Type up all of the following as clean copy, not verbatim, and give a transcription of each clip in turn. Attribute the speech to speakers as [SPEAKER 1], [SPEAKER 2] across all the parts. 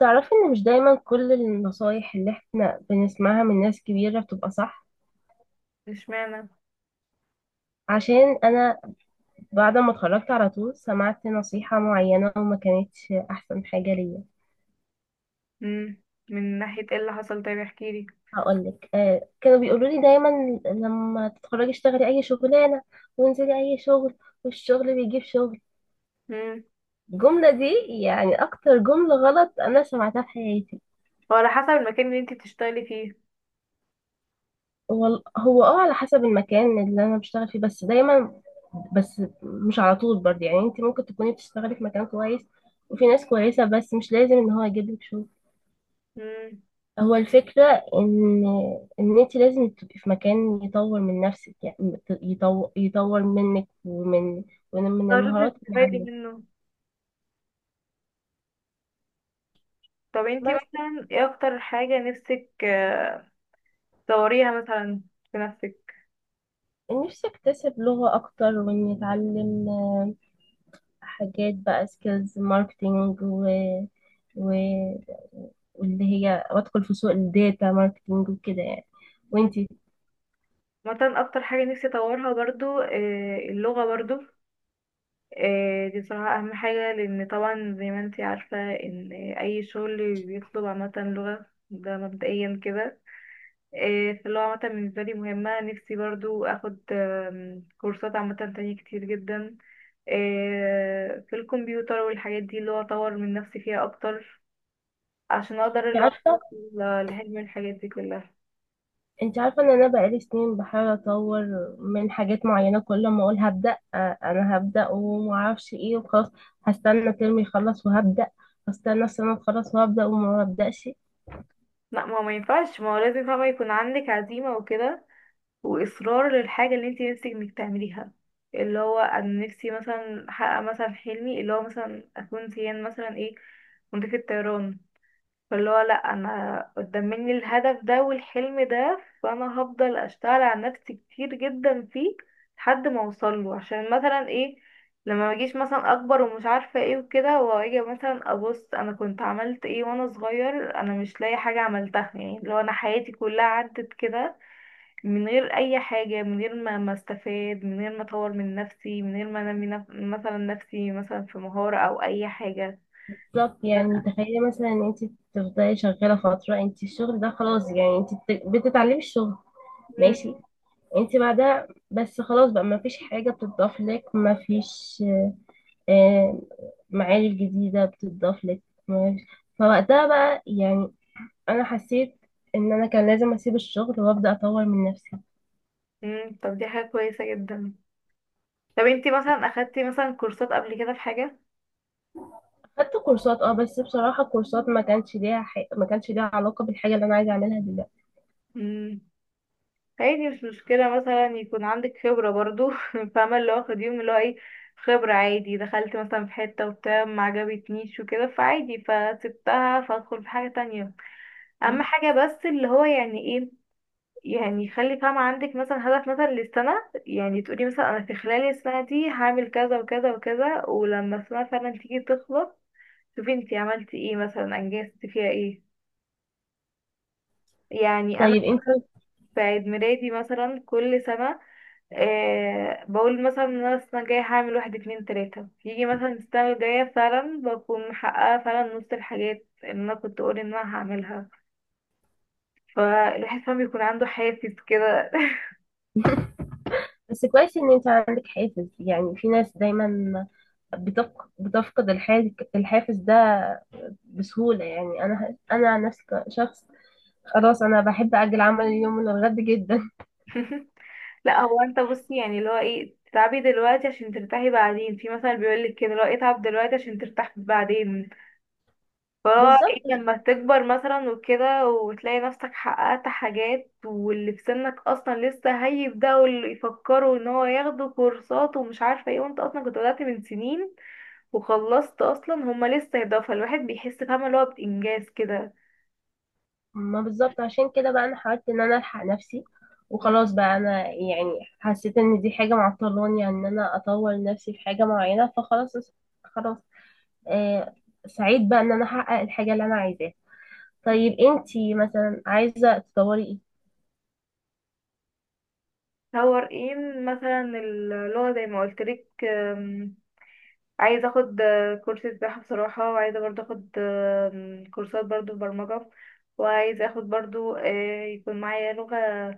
[SPEAKER 1] تعرفي ان مش دايما كل النصايح اللي احنا بنسمعها من ناس كبيرة بتبقى صح.
[SPEAKER 2] اشمعنى؟
[SPEAKER 1] عشان انا بعد ما اتخرجت على طول سمعت نصيحة معينة وما كانتش احسن حاجة ليا.
[SPEAKER 2] امم. من ناحية ايه اللي حصل؟ طيب احكيلي.
[SPEAKER 1] هقولك آه، كانوا بيقولوا لي دايما لما تتخرجي اشتغلي اي شغلانة وانزلي اي شغل والشغل بيجيب شغل.
[SPEAKER 2] امم.
[SPEAKER 1] الجملة دي يعني اكتر جملة غلط انا سمعتها في حياتي.
[SPEAKER 2] هو على حسب المكان اللي انت بتشتغلي فيه.
[SPEAKER 1] هو على حسب المكان اللي انا بشتغل فيه بس دايما، بس مش على طول برضه. يعني انت ممكن تكوني بتشتغلي في مكان كويس وفي ناس كويسة بس مش لازم ان هو يجيب لك شغل.
[SPEAKER 2] امم.
[SPEAKER 1] هو الفكرة ان ان انت لازم تبقي في مكان يطور من نفسك، يعني يطور منك ومن
[SPEAKER 2] قررتي
[SPEAKER 1] المهارات اللي
[SPEAKER 2] تستفادي
[SPEAKER 1] عندك.
[SPEAKER 2] منه. طب انت
[SPEAKER 1] بس
[SPEAKER 2] مثلا ايه اكتر حاجة نفسك تطوريها مثلا في نفسك؟
[SPEAKER 1] نفسي اكتسب لغة اكتر واني اتعلم حاجات بقى سكيلز ماركتينج و- واللي هي وادخل في سوق الداتا ماركتينج وكده يعني.
[SPEAKER 2] مم.
[SPEAKER 1] وانتي
[SPEAKER 2] مثلا اكتر حاجة نفسي اطورها برضو اللغة برضو. دي صراحة اهم حاجة لان طبعا زي ما انت عارفة ان اي شغل بيطلب عامة لغة، ده مبدئيا كده. فاللي هو عامة بالنسبة لي مهمة، نفسي برضو أخد كورسات عامة تانية كتير جدا. في الكمبيوتر والحاجات دي اللي هو أطور من نفسي فيها أكتر عشان أقدر
[SPEAKER 1] انت
[SPEAKER 2] اللي هو
[SPEAKER 1] عارفه
[SPEAKER 2] أوصل لحلم الحاجات دي كلها.
[SPEAKER 1] انت عارفه ان انا بقالي سنين بحاول اطور من حاجات معينه، كل ما اقول هبدا انا هبدا ومعرفش ايه وخلاص. هستنى ترمي يخلص وهبدا، هستنى السنه تخلص وهبدا وما ببداش.
[SPEAKER 2] لا، ما هو ما ينفعش، ما هو لازم فاهمة يكون عندك عزيمة وكده وإصرار للحاجة اللي انتي نفسك انك تعمليها. اللي هو أنا نفسي مثلا أحقق مثلا حلمي، اللي هو مثلا أكون زيان مثلا ايه، مضيفة طيران. فاللي هو لأ، أنا قدام مني الهدف ده والحلم ده فأنا هفضل أشتغل على نفسي كتير جدا فيه لحد ما أوصله، عشان مثلا ايه، لما مجيش مثلا أكبر ومش عارفة ايه وكده وأجي مثلا أبص أنا كنت عملت ايه وأنا صغير أنا مش لاقي حاجة عملتها. يعني اللي هو أنا حياتي كلها عدت كده من غير أي حاجة، من غير ما استفاد، من غير ما أطور من نفسي، من غير ما أنمي نف... مثلا نفسي مثلا في مهارة أو أي حاجة.
[SPEAKER 1] بالظبط. يعني تخيلي مثلا ان انت تفضلي شغاله فتره، انت الشغل ده خلاص يعني انت بتتعلمي الشغل،
[SPEAKER 2] مم.
[SPEAKER 1] ماشي. انت بعدها بس خلاص بقى ما فيش حاجة بتضاف لك، ما فيش آه، معارف جديدة بتضاف لك، معارف. فوقتها بقى يعني أنا حسيت إن أنا كان لازم أسيب الشغل وأبدأ أطور من نفسي.
[SPEAKER 2] مم. طب دي حاجة كويسة جدا. طب انتي مثلا اخدتي مثلا كورسات قبل كده في حاجة؟
[SPEAKER 1] خدت كورسات أه بس بصراحة الكورسات ما كانش ليها علاقة بالحاجة اللي أنا عايزة أعملها دلوقتي.
[SPEAKER 2] امم. عادي مش مشكلة مثلا يكون عندك خبرة برضو فاهمة اللي هو خديهم، اللي هو ايه، خبرة عادي. دخلت مثلا في حتة وبتاع، ما عجبتنيش وكده فعادي فسبتها فادخل في حاجة تانية. اهم حاجة بس اللي هو يعني ايه، يعني خلي فاهمة عندك مثلا هدف مثلا للسنة. يعني تقولي مثلا انا في خلال السنة دي هعمل كذا وكذا وكذا، ولما السنة فعلا تيجي تخلص شوفي انتي عملتي ايه مثلا انجزتي فيها ايه. يعني انا
[SPEAKER 1] طيب أنت.
[SPEAKER 2] في عيد ميلادي مثلا كل سنة آه بقول مثلا ان انا السنة الجاية هعمل واحد اتنين تلاتة، يجي مثلا السنة الجاية فعلا بكون محققة فعلا نص الحاجات اللي انا كنت اقول ان انا هعملها. فالواحد فعلا بيكون عنده حافز كده.
[SPEAKER 1] بس كويس إن أنت عندك حافز. يعني في ناس دايما بتفقد الحافز ده بسهولة. يعني أنا عن نفسي كشخص خلاص أنا بحب أجل عمل اليوم من الغد جدا.
[SPEAKER 2] لا هو انت بصي يعني اللي هو ايه، تتعبي دلوقتي عشان ترتاحي بعدين، في مثلا بيقولك كده اللي هو اتعب دلوقتي عشان ترتاح بعدين. فهو
[SPEAKER 1] بالظبط.
[SPEAKER 2] ايه لما تكبر مثلا وكده وتلاقي نفسك حققت حاجات، واللي في سنك اصلا لسه هيبدأوا اللي يفكروا ان هو ياخدوا كورسات ومش عارفة ايه، وانت اصلا كنت بدأت من سنين وخلصت اصلا هما لسه يبدأوا، فالواحد بيحس فاهمة اللي هو بإنجاز كده.
[SPEAKER 1] ما بالظبط، عشان كده بقى انا حاولت ان انا الحق نفسي وخلاص بقى انا. يعني حسيت ان دي حاجه معطلاني عن ان انا اطور نفسي في حاجه معينه فخلاص. خلاص. آه. سعيد بقى ان انا احقق الحاجه اللي انا عايزاها. طيب انتي مثلا عايزه تطوري ايه؟
[SPEAKER 2] هو ايه مثلا اللغة زي ما قلتلك. عايزه اخد كورس سباحه بصراحه، وعايزه برضو اخد كورسات برضو برمجه. وعايزه اخد برضو يكون معايا لغه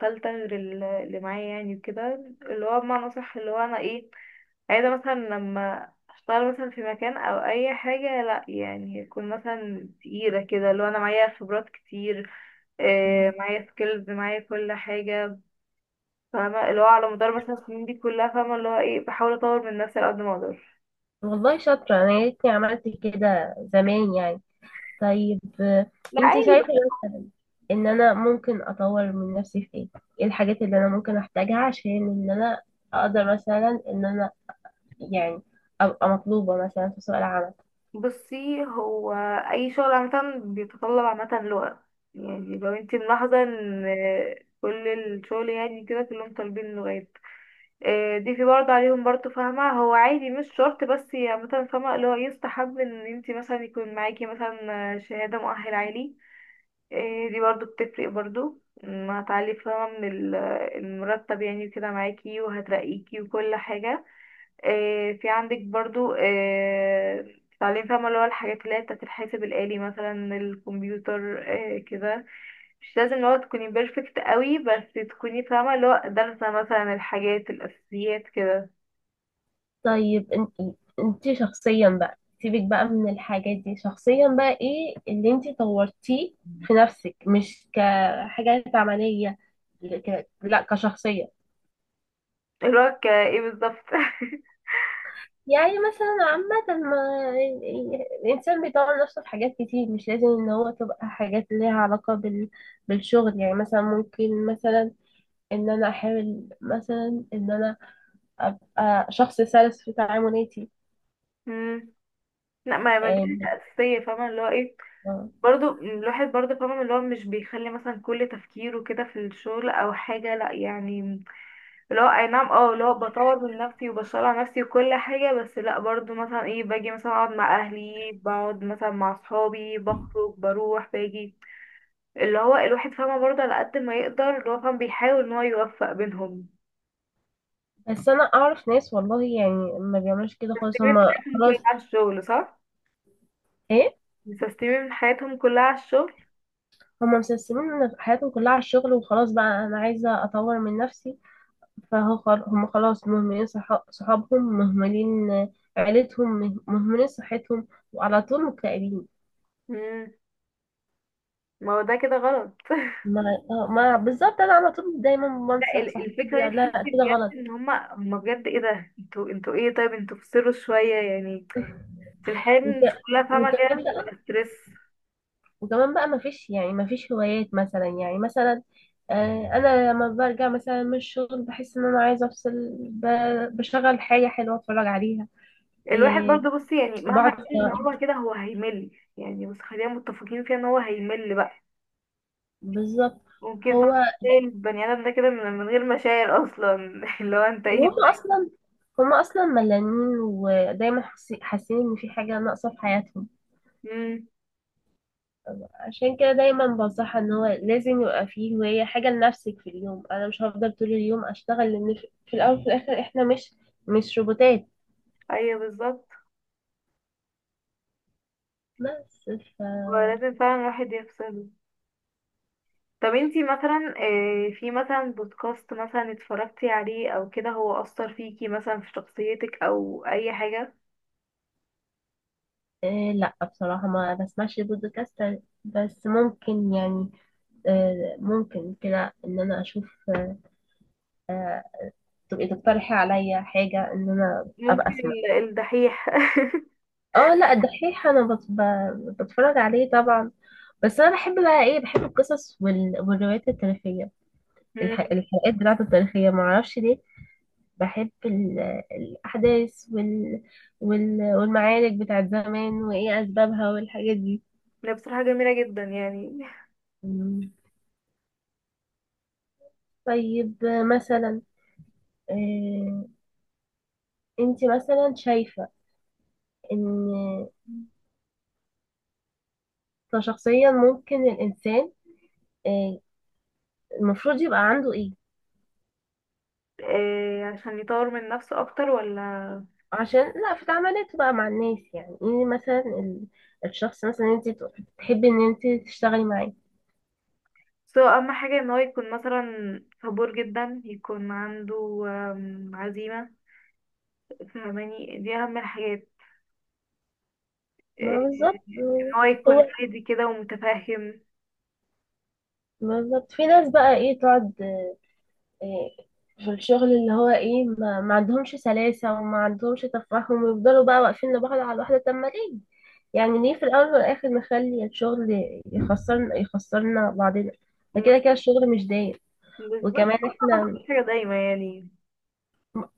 [SPEAKER 2] ثالثه غير اللي معايا يعني وكده، اللي هو بمعنى اصح اللي هو انا ايه، عايزه مثلا لما اشتغل مثلا في مكان او اي حاجه، لا يعني يكون مثلا تقيله كده اللي هو انا معايا خبرات كتير،
[SPEAKER 1] مم.
[SPEAKER 2] معايا سكيلز معايا كل حاجه. فاهمه اللي هو على مدار مثلا السنين دي كلها فاهمه اللي هو ايه، بحاول اطور من نفسي على قد ما اقدر.
[SPEAKER 1] والله شاطره انا، يا ريتني عملت كده زمان يعني. طيب
[SPEAKER 2] لا
[SPEAKER 1] انتي
[SPEAKER 2] عادي.
[SPEAKER 1] شايفه مثلا ان انا ممكن اطور من نفسي في ايه؟ ايه الحاجات اللي انا ممكن احتاجها عشان ان انا اقدر مثلا ان انا يعني أبقى مطلوبة مثلا في سوق العمل؟
[SPEAKER 2] بصي هو اي شغل عامه بيتطلب عامه لغه. يعني لو انت ملاحظه ان كل الشغل يعني كده كلهم طالبين لغات. دي في برضه عليهم برضه فاهمه، هو عادي مش شرط، بس هي مثلا فاهمه اللي هو يستحب ان انت مثلا يكون معاكي مثلا شهاده مؤهل عالي. دي برضه بتفرق برضه، هتعلي فاهمه من المرتب يعني كده معاكي، وهترقيكي وكل حاجه. في عندك برضو تعليم فاهمة اللي هو الحاجات اللي هي بتاعت الحاسب الآلي مثلا الكمبيوتر. كده مش لازم اللي هو تكوني بيرفكت قوي، بس تكوني فاهمة اللي هو دارسة مثلا الحاجات الأساسيات كده.
[SPEAKER 1] طيب انت، انت شخصيا بقى سيبك بقى من الحاجات دي، شخصيا بقى ايه اللي انت طورتيه في نفسك؟ مش كحاجات عملية، لا كشخصية.
[SPEAKER 2] اللي هو ايه بالظبط؟
[SPEAKER 1] يعني مثلا عامة ما الإنسان بيطور نفسه في حاجات كتير، مش لازم إن هو تبقى حاجات ليها علاقة بالشغل. يعني مثلا ممكن مثلا إن أنا أحاول مثلا إن أنا أبقى شخص سلس في تعاملاتي.
[SPEAKER 2] مم. لا، ما دي حاجة أساسية فاهمة اللي هو ايه.
[SPEAKER 1] آه.
[SPEAKER 2] برضو الواحد برضو فاهمة اللي هو مش بيخلي مثلا كل تفكيره كده في الشغل أو حاجة، لا يعني اللي هو اي نعم اه اللي هو بطور من نفسي وبشتغل على نفسي وكل حاجة، بس لا برضو مثلا ايه باجي مثلا اقعد مع اهلي بقعد مثلا مع صحابي بخرج بروح باجي، اللي هو الواحد فاهمة برضه على قد ما يقدر اللي هو فاهم بيحاول ان هو يوفق بينهم.
[SPEAKER 1] بس انا اعرف ناس، والله يعني ما بيعملوش كده خالص،
[SPEAKER 2] مستسلمين
[SPEAKER 1] هما
[SPEAKER 2] حياتهم كلها
[SPEAKER 1] خلاص.
[SPEAKER 2] على الشغل صح؟
[SPEAKER 1] ايه،
[SPEAKER 2] مستسلمين حياتهم كلها على الشغل.
[SPEAKER 1] هما مسلسلين حياتهم كلها على الشغل وخلاص. بقى انا عايزه اطور من نفسي. فهو هم خلاص مهملين، صحابهم مهملين، آه، عيلتهم مهملين صحتهم وعلى طول مكتئبين.
[SPEAKER 2] مم. ما هو ده كده غلط.
[SPEAKER 1] ما آه، ما بالظبط، انا على طول دايما
[SPEAKER 2] لا،
[SPEAKER 1] بنصح صاحبتي
[SPEAKER 2] الفكرة دي
[SPEAKER 1] لا
[SPEAKER 2] تحسي
[SPEAKER 1] كده غلط.
[SPEAKER 2] بجد ان هما هما بجد ايه ده، انتوا انتوا ايه، طيب انتوا فصلوا شوية يعني، بس الحياة
[SPEAKER 1] وك...
[SPEAKER 2] مش كلها فاهمة كده
[SPEAKER 1] وكلام.
[SPEAKER 2] بتبقى ستريس.
[SPEAKER 1] وكمان بقى مفيش يعني مفيش هوايات مثلا. يعني مثلا آه، انا لما برجع مثلا من الشغل بحس ان انا عايزه افصل، بشغل حاجه حلوه اتفرج عليها.
[SPEAKER 2] الواحد
[SPEAKER 1] آه،
[SPEAKER 2] برضه بصي يعني مهما
[SPEAKER 1] بقعد في-
[SPEAKER 2] كان ان هو كده هو هيمل يعني، بس خلينا متفقين فيها ان هو هيمل بقى.
[SPEAKER 1] بالظبط.
[SPEAKER 2] ممكن فعلا
[SPEAKER 1] هو
[SPEAKER 2] تلاقي البني ادم ده كده من غير مشاعر اصلا. اللي هو انت ايه؟
[SPEAKER 1] وهم اصلا، هم اصلا ملانين ودايما حاسين ان في حاجه ناقصه في حياتهم.
[SPEAKER 2] امم.
[SPEAKER 1] عشان كده دايما بنصحها ان هو لازم يبقى فيه هوايه، حاجه لنفسك في اليوم. انا مش هفضل طول اليوم اشتغل، لان في الاول وفي الاخر احنا مش، مش روبوتات.
[SPEAKER 2] ايوه بالظبط،
[SPEAKER 1] بس
[SPEAKER 2] ولازم فعلا الواحد يفصله. طب انتي مثلا في مثلا بودكاست مثلا اتفرجتي عليه او كده هو اثر فيكي مثلا في شخصيتك او اي حاجه؟
[SPEAKER 1] إيه، لا بصراحة ما بسمعش بودكاست بس ممكن يعني آه، ممكن كده ان انا اشوف آه، آه، تبقي تقترحي عليا حاجة ان انا ابقى
[SPEAKER 2] ممكن
[SPEAKER 1] اسمع.
[SPEAKER 2] الدحيح.
[SPEAKER 1] اه لا الدحيح انا بتفرج عليه طبعا. بس انا بحب بقى ايه، بحب القصص والروايات التاريخية.
[SPEAKER 2] امم.
[SPEAKER 1] الحلقات بتاعته التاريخية معرفش ليه بحب الاحداث والمعارك بتاعت زمان وايه اسبابها والحاجات دي.
[SPEAKER 2] ده بصراحه جميله جدا يعني.
[SPEAKER 1] مم. طيب مثلا آه، انت مثلا شايفة ان كشخصيا ممكن الانسان آه، المفروض يبقى عنده ايه
[SPEAKER 2] إيه عشان يطور من نفسه اكتر ولا؟
[SPEAKER 1] عشان لا في تعاملاته بقى مع الناس؟ يعني ايه مثلا الشخص مثلا انت تحبي ان انت تشتغلي معاه؟
[SPEAKER 2] سواء اهم حاجة ان هو يكون مثلا صبور جدا يكون عنده عزيمة، فاهماني دي اهم الحاجات.
[SPEAKER 1] ما
[SPEAKER 2] إيه،
[SPEAKER 1] بالظبط.
[SPEAKER 2] ان هو يكون
[SPEAKER 1] هو
[SPEAKER 2] هادي كده ومتفهم.
[SPEAKER 1] بالظبط، في ناس بقى ايه تقعد في الشغل اللي هو ايه ما عندهمش سلاسة وما عندهمش تفاهم ويفضلوا بقى واقفين لبعض على الواحدة. طب ما ليه؟ يعني ليه في الأول والآخر نخلي الشغل يخسرنا بعضنا؟ ده كده الشغل مش دايم.
[SPEAKER 2] بالظبط،
[SPEAKER 1] وكمان
[SPEAKER 2] أنا
[SPEAKER 1] احنا،
[SPEAKER 2] بفكر حاجة دايما يعني.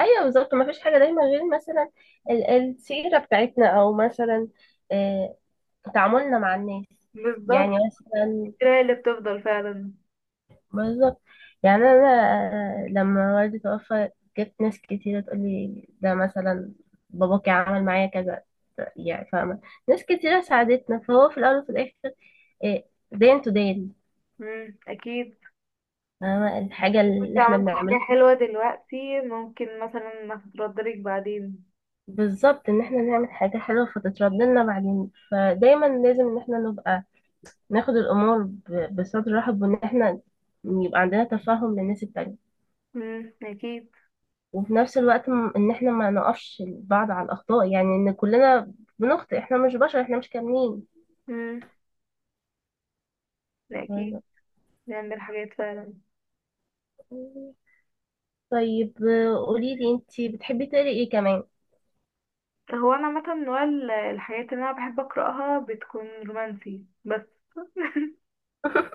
[SPEAKER 1] ايوه بالظبط، ما فيش حاجة دايما غير مثلا السيرة بتاعتنا او مثلا آه، تعاملنا مع الناس. يعني
[SPEAKER 2] بالظبط،
[SPEAKER 1] مثلا
[SPEAKER 2] كده هي اللي بتفضل فعلا.
[SPEAKER 1] بالظبط. يعني انا آه، لما والدي توفى جت ناس كتيرة تقول لي ده مثلا باباكي عمل معايا كذا، يعني فاهمة. ناس كتيرة ساعدتنا، فهو في الأول وفي الآخر إيه، دين تو دين.
[SPEAKER 2] مم. اكيد.
[SPEAKER 1] فاهمة الحاجة
[SPEAKER 2] كنت
[SPEAKER 1] اللي احنا
[SPEAKER 2] عملت
[SPEAKER 1] بنعملها.
[SPEAKER 2] حاجة حلوة دلوقتي ممكن مثلا ما تتردلك بعدين.
[SPEAKER 1] بالظبط، ان احنا نعمل حاجة حلوة فتترد لنا بعدين. فدايما لازم ان احنا نبقى ناخد الأمور بصدر رحب، وان احنا يبقى عندنا تفاهم للناس التانية.
[SPEAKER 2] مم. اكيد.
[SPEAKER 1] وفي نفس الوقت ان احنا ما نقفش بعض على الاخطاء. يعني ان كلنا بنخطئ، احنا مش بشر، احنا مش كاملين.
[SPEAKER 2] مم. اكيد. نعمل حاجات فعلا.
[SPEAKER 1] طيب آه، قولي لي انتي بتحبي تقري ايه كمان؟
[SPEAKER 2] هو انا عامه نوع الحاجات اللي انا بحب اقراها بتكون رومانسي بس.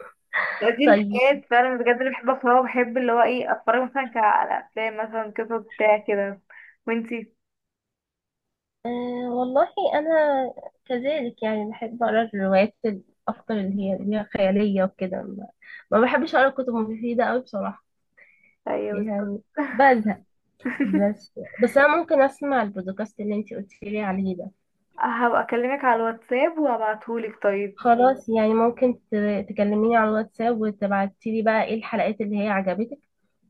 [SPEAKER 2] دي
[SPEAKER 1] طيب
[SPEAKER 2] الحاجات فعلا بجد اللي بحب اقراها، وبحب اللي هو ايه اتفرج مثلا على افلام مثلا قصص بتاع كده. وانتي؟
[SPEAKER 1] آه، والله انا كذلك يعني بحب اقرا الروايات اكتر اللي هي خياليه وكده. ما ما بحبش اقرا كتب مفيده قوي بصراحه،
[SPEAKER 2] ايوه بالظبط.
[SPEAKER 1] يعني بزهق. بس انا ممكن اسمع البودكاست اللي انتي قلتي لي عليه ده.
[SPEAKER 2] هبقى اكلمك على الواتساب وابعتهولك طيب.
[SPEAKER 1] خلاص، يعني ممكن تكلميني على الواتساب وتبعتي لي بقى ايه الحلقات اللي هي عجبتك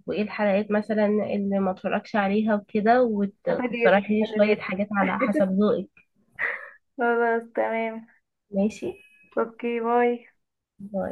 [SPEAKER 1] وايه الحلقات مثلا اللي ما اتفرجش عليها وكده،
[SPEAKER 2] فاضية جدا
[SPEAKER 1] وتقترحي لي
[SPEAKER 2] خلي
[SPEAKER 1] شوية حاجات على حسب
[SPEAKER 2] بالك.
[SPEAKER 1] ذوقك.
[SPEAKER 2] خلاص تمام.
[SPEAKER 1] ماشي.
[SPEAKER 2] اوكي باي.
[SPEAKER 1] باي.